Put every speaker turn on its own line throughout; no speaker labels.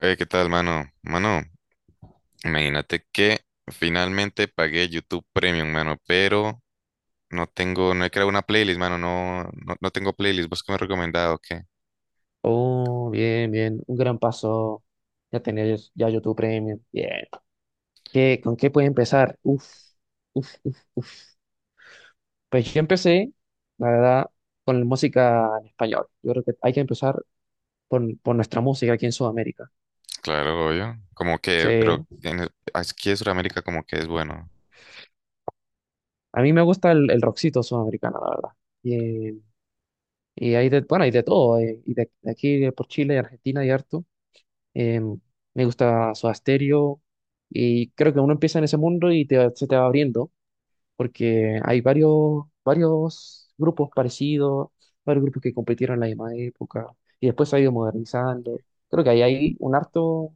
¿Qué tal, mano? Mano, imagínate que finalmente pagué YouTube Premium, mano, pero no tengo, no he creado una playlist, mano, no, no, no tengo playlist. ¿Vos qué me has recomendado? ¿Qué?
Oh, bien, bien, un gran paso. Ya tenés ya YouTube Premium. Bien. ¿Con qué puedo empezar? Uf, uf, uf. Pues yo empecé, la verdad, con la música en español. Yo creo que hay que empezar por nuestra música aquí en Sudamérica.
Claro, obvio. Como que, pero
Sí.
aquí en Sudamérica como que es bueno.
A mí me gusta el rockcito sudamericano, la verdad. Y, y hay hay de todo. Y de aquí de por Chile, Argentina y harto. Em, me gusta Soda Stereo. Y creo que uno empieza en ese mundo y se te va abriendo, porque hay varios, varios grupos parecidos, varios grupos que competieron en la misma época y después se ha ido modernizando. Creo que ahí hay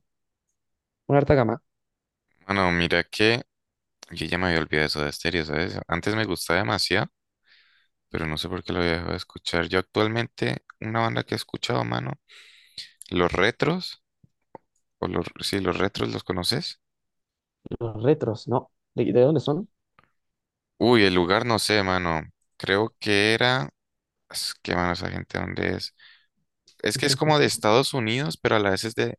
una harta gama.
Mano, mira que yo ya me había olvidado eso de estéreo, ¿sabes? Antes me gustaba demasiado, pero no sé por qué lo había dejado de escuchar. Yo actualmente, una banda que he escuchado, mano, Los Retros, o los, sí, Los Retros, ¿los conoces?
Los retros, ¿no? ¿De dónde son?
Uy, el lugar no sé, mano. Creo que era. Es que, mano, esa gente, ¿dónde es? Es que es como de Estados Unidos, pero a la vez es de.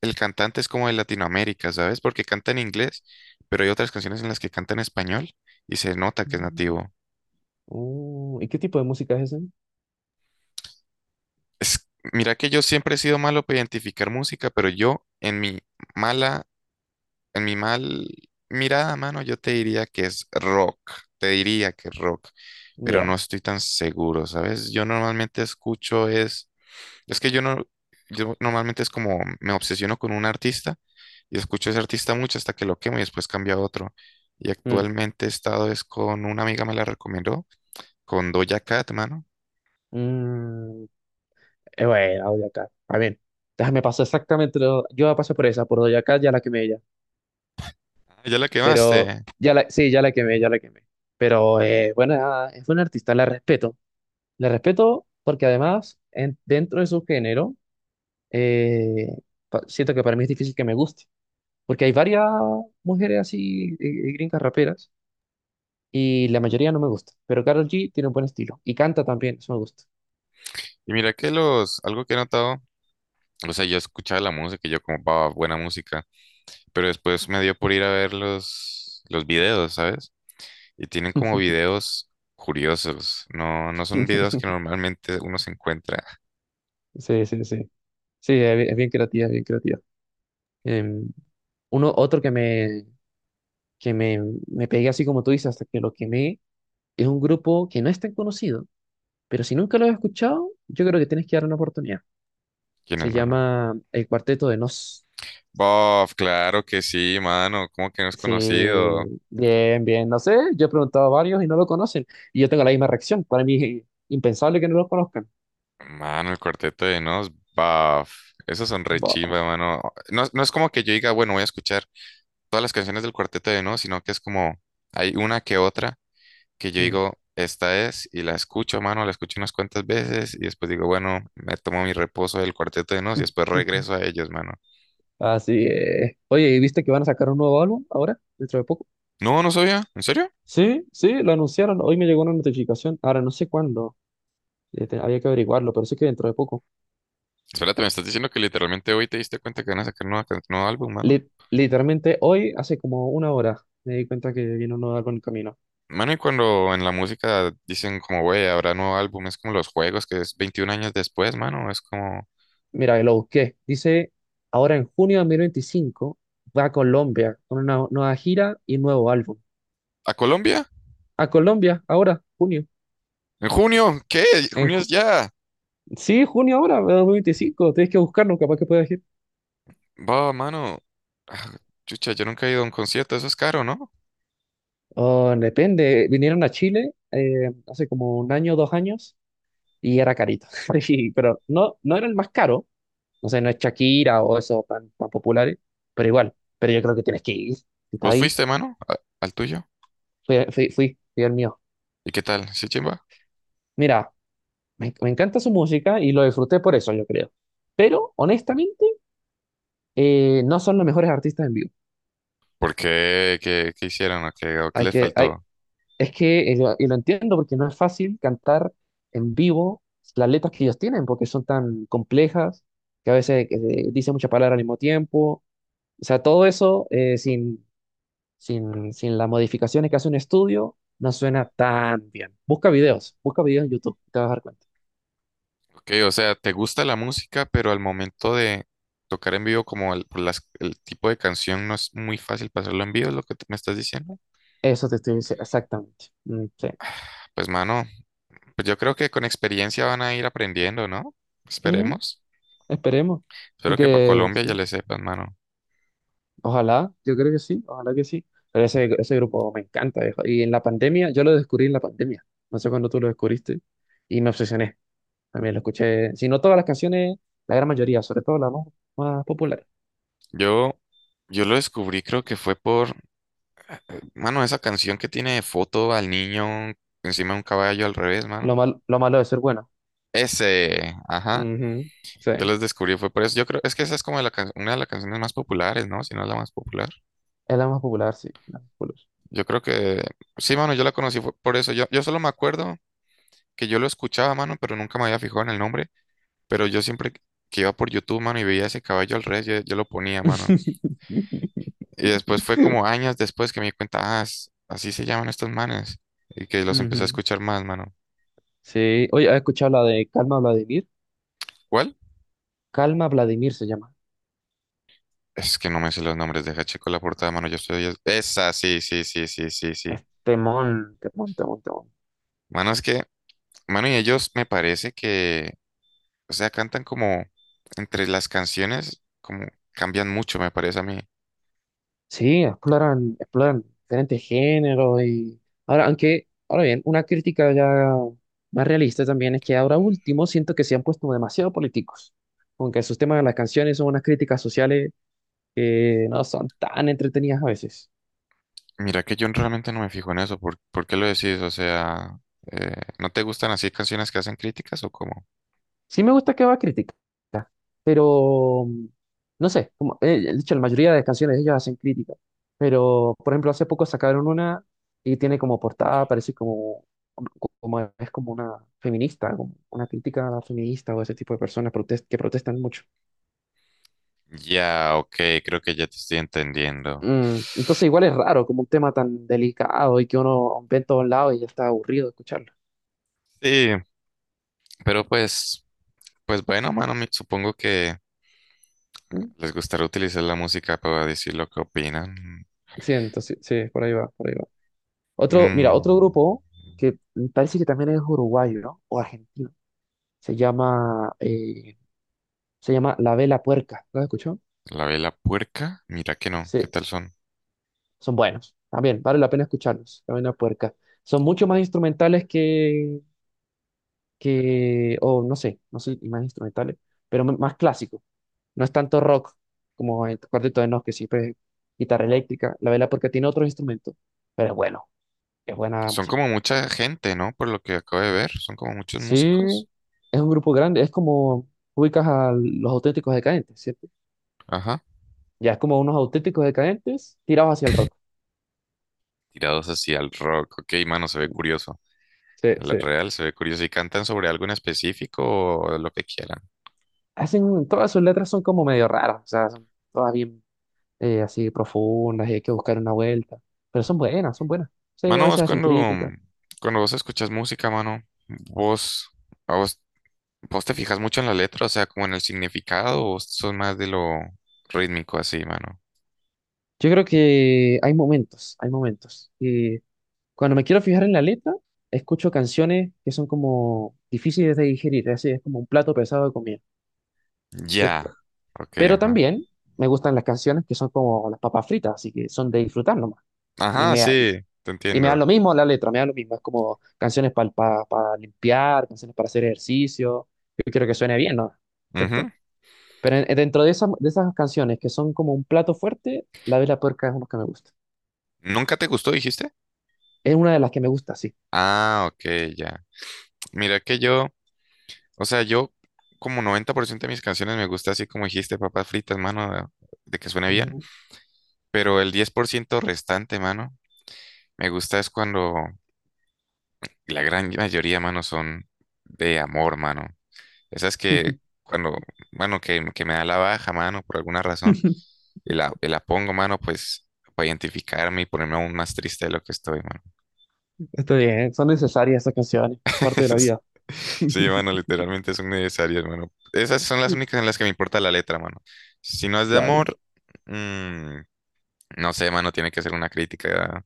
El cantante es como de Latinoamérica, ¿sabes? Porque canta en inglés, pero hay otras canciones en las que canta en español y se nota que es
Mm.
nativo.
¿Y qué tipo de música es ese?
Es... Mira que yo siempre he sido malo para identificar música, pero yo, mala, en mi mal mirada, mano, yo te diría que es rock. Te diría que es rock, pero no
Ya.
estoy tan seguro, ¿sabes? Yo normalmente escucho es. Es que yo no, yo normalmente es como me obsesiono con un artista y escucho a ese artista mucho hasta que lo quemo y después cambio a otro. Y
Mm.
actualmente he estado es con una amiga me la recomendó, con Doja Cat, mano.
Mm, bueno, Doja Cat. A ver, déjame pasar exactamente. Yo pasé por esa, por Doja Cat, ya la quemé ya.
Ya la
Pero,
quemaste.
sí, ya la quemé, ya la quemé. Pero, bueno, nada, es buena artista, la respeto. Le respeto porque además, dentro de su género, eh, siento que para mí es difícil que me guste, porque hay varias mujeres así, gringas raperas, y la mayoría no me gusta, pero Karol G tiene un buen estilo, y canta también, eso me gusta.
Y mira que algo que he notado, o sea, yo escuchaba la música y yo como, va, buena música, pero después me dio por ir a ver los videos, ¿sabes? Y tienen como videos curiosos, no, no son videos que normalmente uno se encuentra.
Sí, sí, sí. Sí, es bien creativa, es bien creativa. Em, otro que que me, me pegué así como tú dices, hasta que lo quemé, es un grupo que no es tan conocido, pero si nunca lo has escuchado, yo creo que tienes que dar una oportunidad.
¿Quién
Se
es, mano?
llama El Cuarteto de Nos.
Bof, claro que sí, mano. ¿Cómo que no es
Sí,
conocido?
bien, bien. No sé, yo he preguntado a varios y no lo conocen. Y yo tengo la misma reacción. Para mí es impensable que no lo conozcan.
Mano, El Cuarteto de Nos, bof. Esos son re chimba,
Bof.
mano. No, no es como que yo diga, bueno, voy a escuchar todas las canciones del Cuarteto de Nos, sino que es como hay una que otra que yo
Mm.
digo, esta es, y la escucho, mano, la escucho unas cuantas veces, y después digo, bueno, me tomo mi reposo del Cuarteto de Nos y después regreso a ellos, mano.
Así es. Oye, ¿y viste que van a sacar un nuevo álbum ahora, dentro de poco?
No, no sabía, ¿en serio?
Sí, sí, lo anunciaron. Hoy me llegó una notificación. Ahora no sé cuándo. Había que averiguarlo, pero sé que dentro de poco.
Espérate, me estás diciendo que literalmente hoy te diste cuenta que van a sacar nuevo álbum, mano.
Literalmente hoy, hace como una hora, me di cuenta que viene un nuevo álbum en camino.
Mano, y cuando en la música dicen como, güey, habrá nuevo álbum, es como los juegos, que es 21 años después, mano, es como,
Mira, lo busqué. Dice, ahora en junio de 2025 va a Colombia con una nueva gira y nuevo álbum.
¿a Colombia?
A Colombia, ahora, junio.
¿En junio? ¿Qué?
En
¿Junio es
ju-
ya?
sí, junio ahora, de 2025. Tienes que buscarlo, capaz que puedas ir.
Va, mano. Ah, Chucha, yo nunca he ido a un concierto, eso es caro, ¿no?
Oh, depende. Vinieron a Chile hace como un año, 2 años, y era carito. Sí, pero no era el más caro. No sé, no es Shakira o esos tan, tan populares, pero igual. Pero yo creo que tienes que ir. Si está
¿Vos
ahí,
fuiste, mano, al tuyo?
fui, fui, fui, fui el mío.
¿Y qué tal? ¿Sí, chimba?
Mira, me encanta su música y lo disfruté por eso, yo creo. Pero honestamente, no son los mejores artistas en vivo.
¿Por qué? ¿Qué hicieron? ¿O qué
Hay
les
que, hay,
faltó?
es que, lo- y lo entiendo porque no es fácil cantar en vivo las letras que ellos tienen, porque son tan complejas, que a veces dicen muchas palabras al mismo tiempo. O sea, todo eso sin las modificaciones que hace un estudio, no suena tan bien. Busca videos en YouTube, te vas a dar cuenta.
Ok, o sea, te gusta la música, pero al momento de tocar en vivo, como el, el tipo de canción no es muy fácil pasarlo en vivo, es lo que me estás diciendo.
Eso te estoy diciendo, exactamente. Mm, sí.
Pues mano, pues yo creo que con experiencia van a ir aprendiendo, ¿no?
Mm.
Esperemos.
Esperemos,
Espero que para
porque
Colombia ya
sí,
le sepan, mano.
ojalá, yo creo que sí, ojalá que sí. Pero ese grupo me encanta, viejo. Y en la pandemia, yo lo descubrí en la pandemia. No sé cuándo tú lo descubriste. Y me obsesioné. También lo escuché, si no todas las canciones, la gran mayoría, sobre todo la más popular.
Yo, yo lo descubrí, creo que fue por, mano, esa canción que tiene de foto al niño encima de un caballo al revés,
Lo
mano.
mal- lo malo de ser bueno.
Ese, ajá.
Ujú. Sí,
Yo
es
los descubrí, fue por eso. Yo creo, es que esa es como una de las canciones más populares, ¿no? Si no la más popular.
la más popular, sí. La más popular.
Yo creo que sí, mano, yo la conocí fue por eso. Yo solo me acuerdo que yo lo escuchaba, mano, pero nunca me había fijado en el nombre. Pero yo siempre que iba por YouTube, mano, y veía ese caballo al revés, yo lo ponía, mano. Y después fue como años después que me di cuenta, así se llaman estos manes. Y que los empecé a
Ujú.
escuchar más, mano.
Sí, oye, ¿has escuchado la de Calma Vladimir?
¿Cuál?
Calma Vladimir se llama.
Es que no me sé los nombres, deja checo la portada, mano. Yo estoy. Esa, sí, sí, sí, sí, sí, sí.
Es temón, temón, temón, temón.
Mano, es que, mano, y ellos me parece que. O sea, cantan como entre las canciones, como cambian mucho, me parece a mí.
Sí, exploran diferentes géneros y ahora bien, una crítica ya más realista también es que ahora último siento que se han puesto demasiado políticos, aunque sus temas de las canciones son unas críticas sociales que no son tan entretenidas a veces.
Mira que yo realmente no me fijo en eso. ¿Por qué lo decís? O sea, eh, ¿no te gustan así canciones que hacen críticas o cómo?
Sí me gusta que haga crítica, pero no sé, como, de hecho, la mayoría de canciones de ellos hacen crítica, pero por ejemplo, hace poco sacaron una y tiene como portada, parece como es como una feminista, como una crítica a la feminista o ese tipo de personas que protestan mucho.
Ya, ok, creo que ya te estoy entendiendo.
Entonces igual es raro, como un tema tan delicado y que uno ve en todos lados y ya está aburrido de escucharlo.
Sí, pero pues bueno, mano, supongo que
¿Mm?
les gustará utilizar la música para decir lo que opinan.
Sí, entonces, sí, por ahí va, por ahí va. Otro
Mm,
grupo que parece que también es uruguayo, ¿no? O argentino. Se llama, eh, se llama La Vela Puerca. ¿Lo has escuchado?
la Vela Puerca, mira que no, ¿qué
Sí,
tal son?
son buenos. También vale la pena escucharlos. La Vela Puerca. Son mucho más instrumentales o no sé, no sé, y más instrumentales, pero más clásicos. No es tanto rock como el Cuarteto de Nos, que siempre es guitarra eléctrica. La Vela Puerca tiene otros instrumentos, pero es buena
Son
música.
como mucha gente, ¿no? Por lo que acabo de ver, son como muchos
Sí,
músicos.
es un grupo grande. Es como ubicas a los auténticos decadentes, ¿cierto?
Ajá.
Ya es como unos auténticos decadentes tirados hacia el rock.
Tirados hacia el rock. Ok, mano, se ve curioso.
Sí,
La
sí.
real se ve curioso. ¿Y cantan sobre algo en específico o lo que quieran?
Todas sus letras son como medio raras, o sea, son todas bien así profundas y hay que buscar una vuelta, pero son buenas, son buenas. Sí, a
Mano,
veces
vos
hacen
cuando,
críticas.
cuando vos escuchas música, mano, vos, a vos, vos te fijas mucho en la letra, o sea, como en el significado, o sos más de lo rítmico así, mano.
Yo creo que hay momentos, hay momentos. Y cuando me quiero fijar en la letra, escucho canciones que son como difíciles de digerir, así es como un plato pesado de comida,
Ya.
¿cierto?
Ok,
Pero
ajá.
también me gustan las canciones que son como las papas fritas, así que son de disfrutar nomás. Y
Ajá,
me,
sí, te
Y me da
entiendo.
lo mismo la letra, me da lo mismo. Es como canciones para limpiar, canciones para hacer ejercicio. Yo quiero que suene bien, ¿no?
Ujú.
¿Cierto? Pero dentro de esas, canciones que son como un plato fuerte, La Vela Puerca es una que me gusta.
¿Nunca te gustó, dijiste?
Es una de las que me gusta, sí.
Ah, ok, ya. Mira que yo. O sea, yo como 90% de mis canciones me gusta así como dijiste, papas fritas, mano, de que suene bien,
Ujú.
pero el 10% restante, mano, me gusta es cuando la gran mayoría, mano, son de amor, mano. Esas que cuando, bueno, que me da la baja, mano, por alguna razón, y la pongo, mano, pues para identificarme y ponerme aún más triste de lo que estoy, mano.
Está bien, son necesarias esas canciones, parte de la
Es-
vida.
Sí, mano, literalmente son necesarias, mano. Esas son las únicas en las que me importa la letra, mano. Si no es de
Claro.
amor, mm, no sé, mano, tiene que ser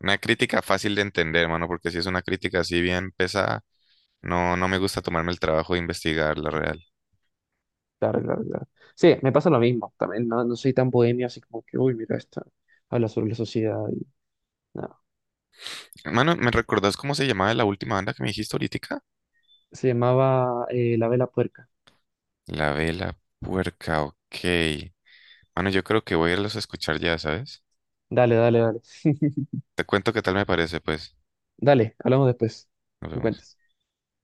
una crítica fácil de entender, mano, porque si es una crítica así bien pesada, no, no me gusta tomarme el trabajo de investigar la real.
Claro, claro, claro. Sí, me pasa lo mismo. También no soy tan bohemio, así como que, uy, mira esto. Habla sobre la sociedad. Y no.
Mano, ¿me recordás cómo se llamaba la última banda que me dijiste ahorita?
Se llamaba La Vela Puerca.
La Vela Puerca, ok. Mano, yo creo que voy a irlos a escuchar ya, ¿sabes?
Dale, dale, dale.
Te cuento qué tal me parece, pues.
Dale, hablamos después.
Nos
Me
vemos.
cuentas.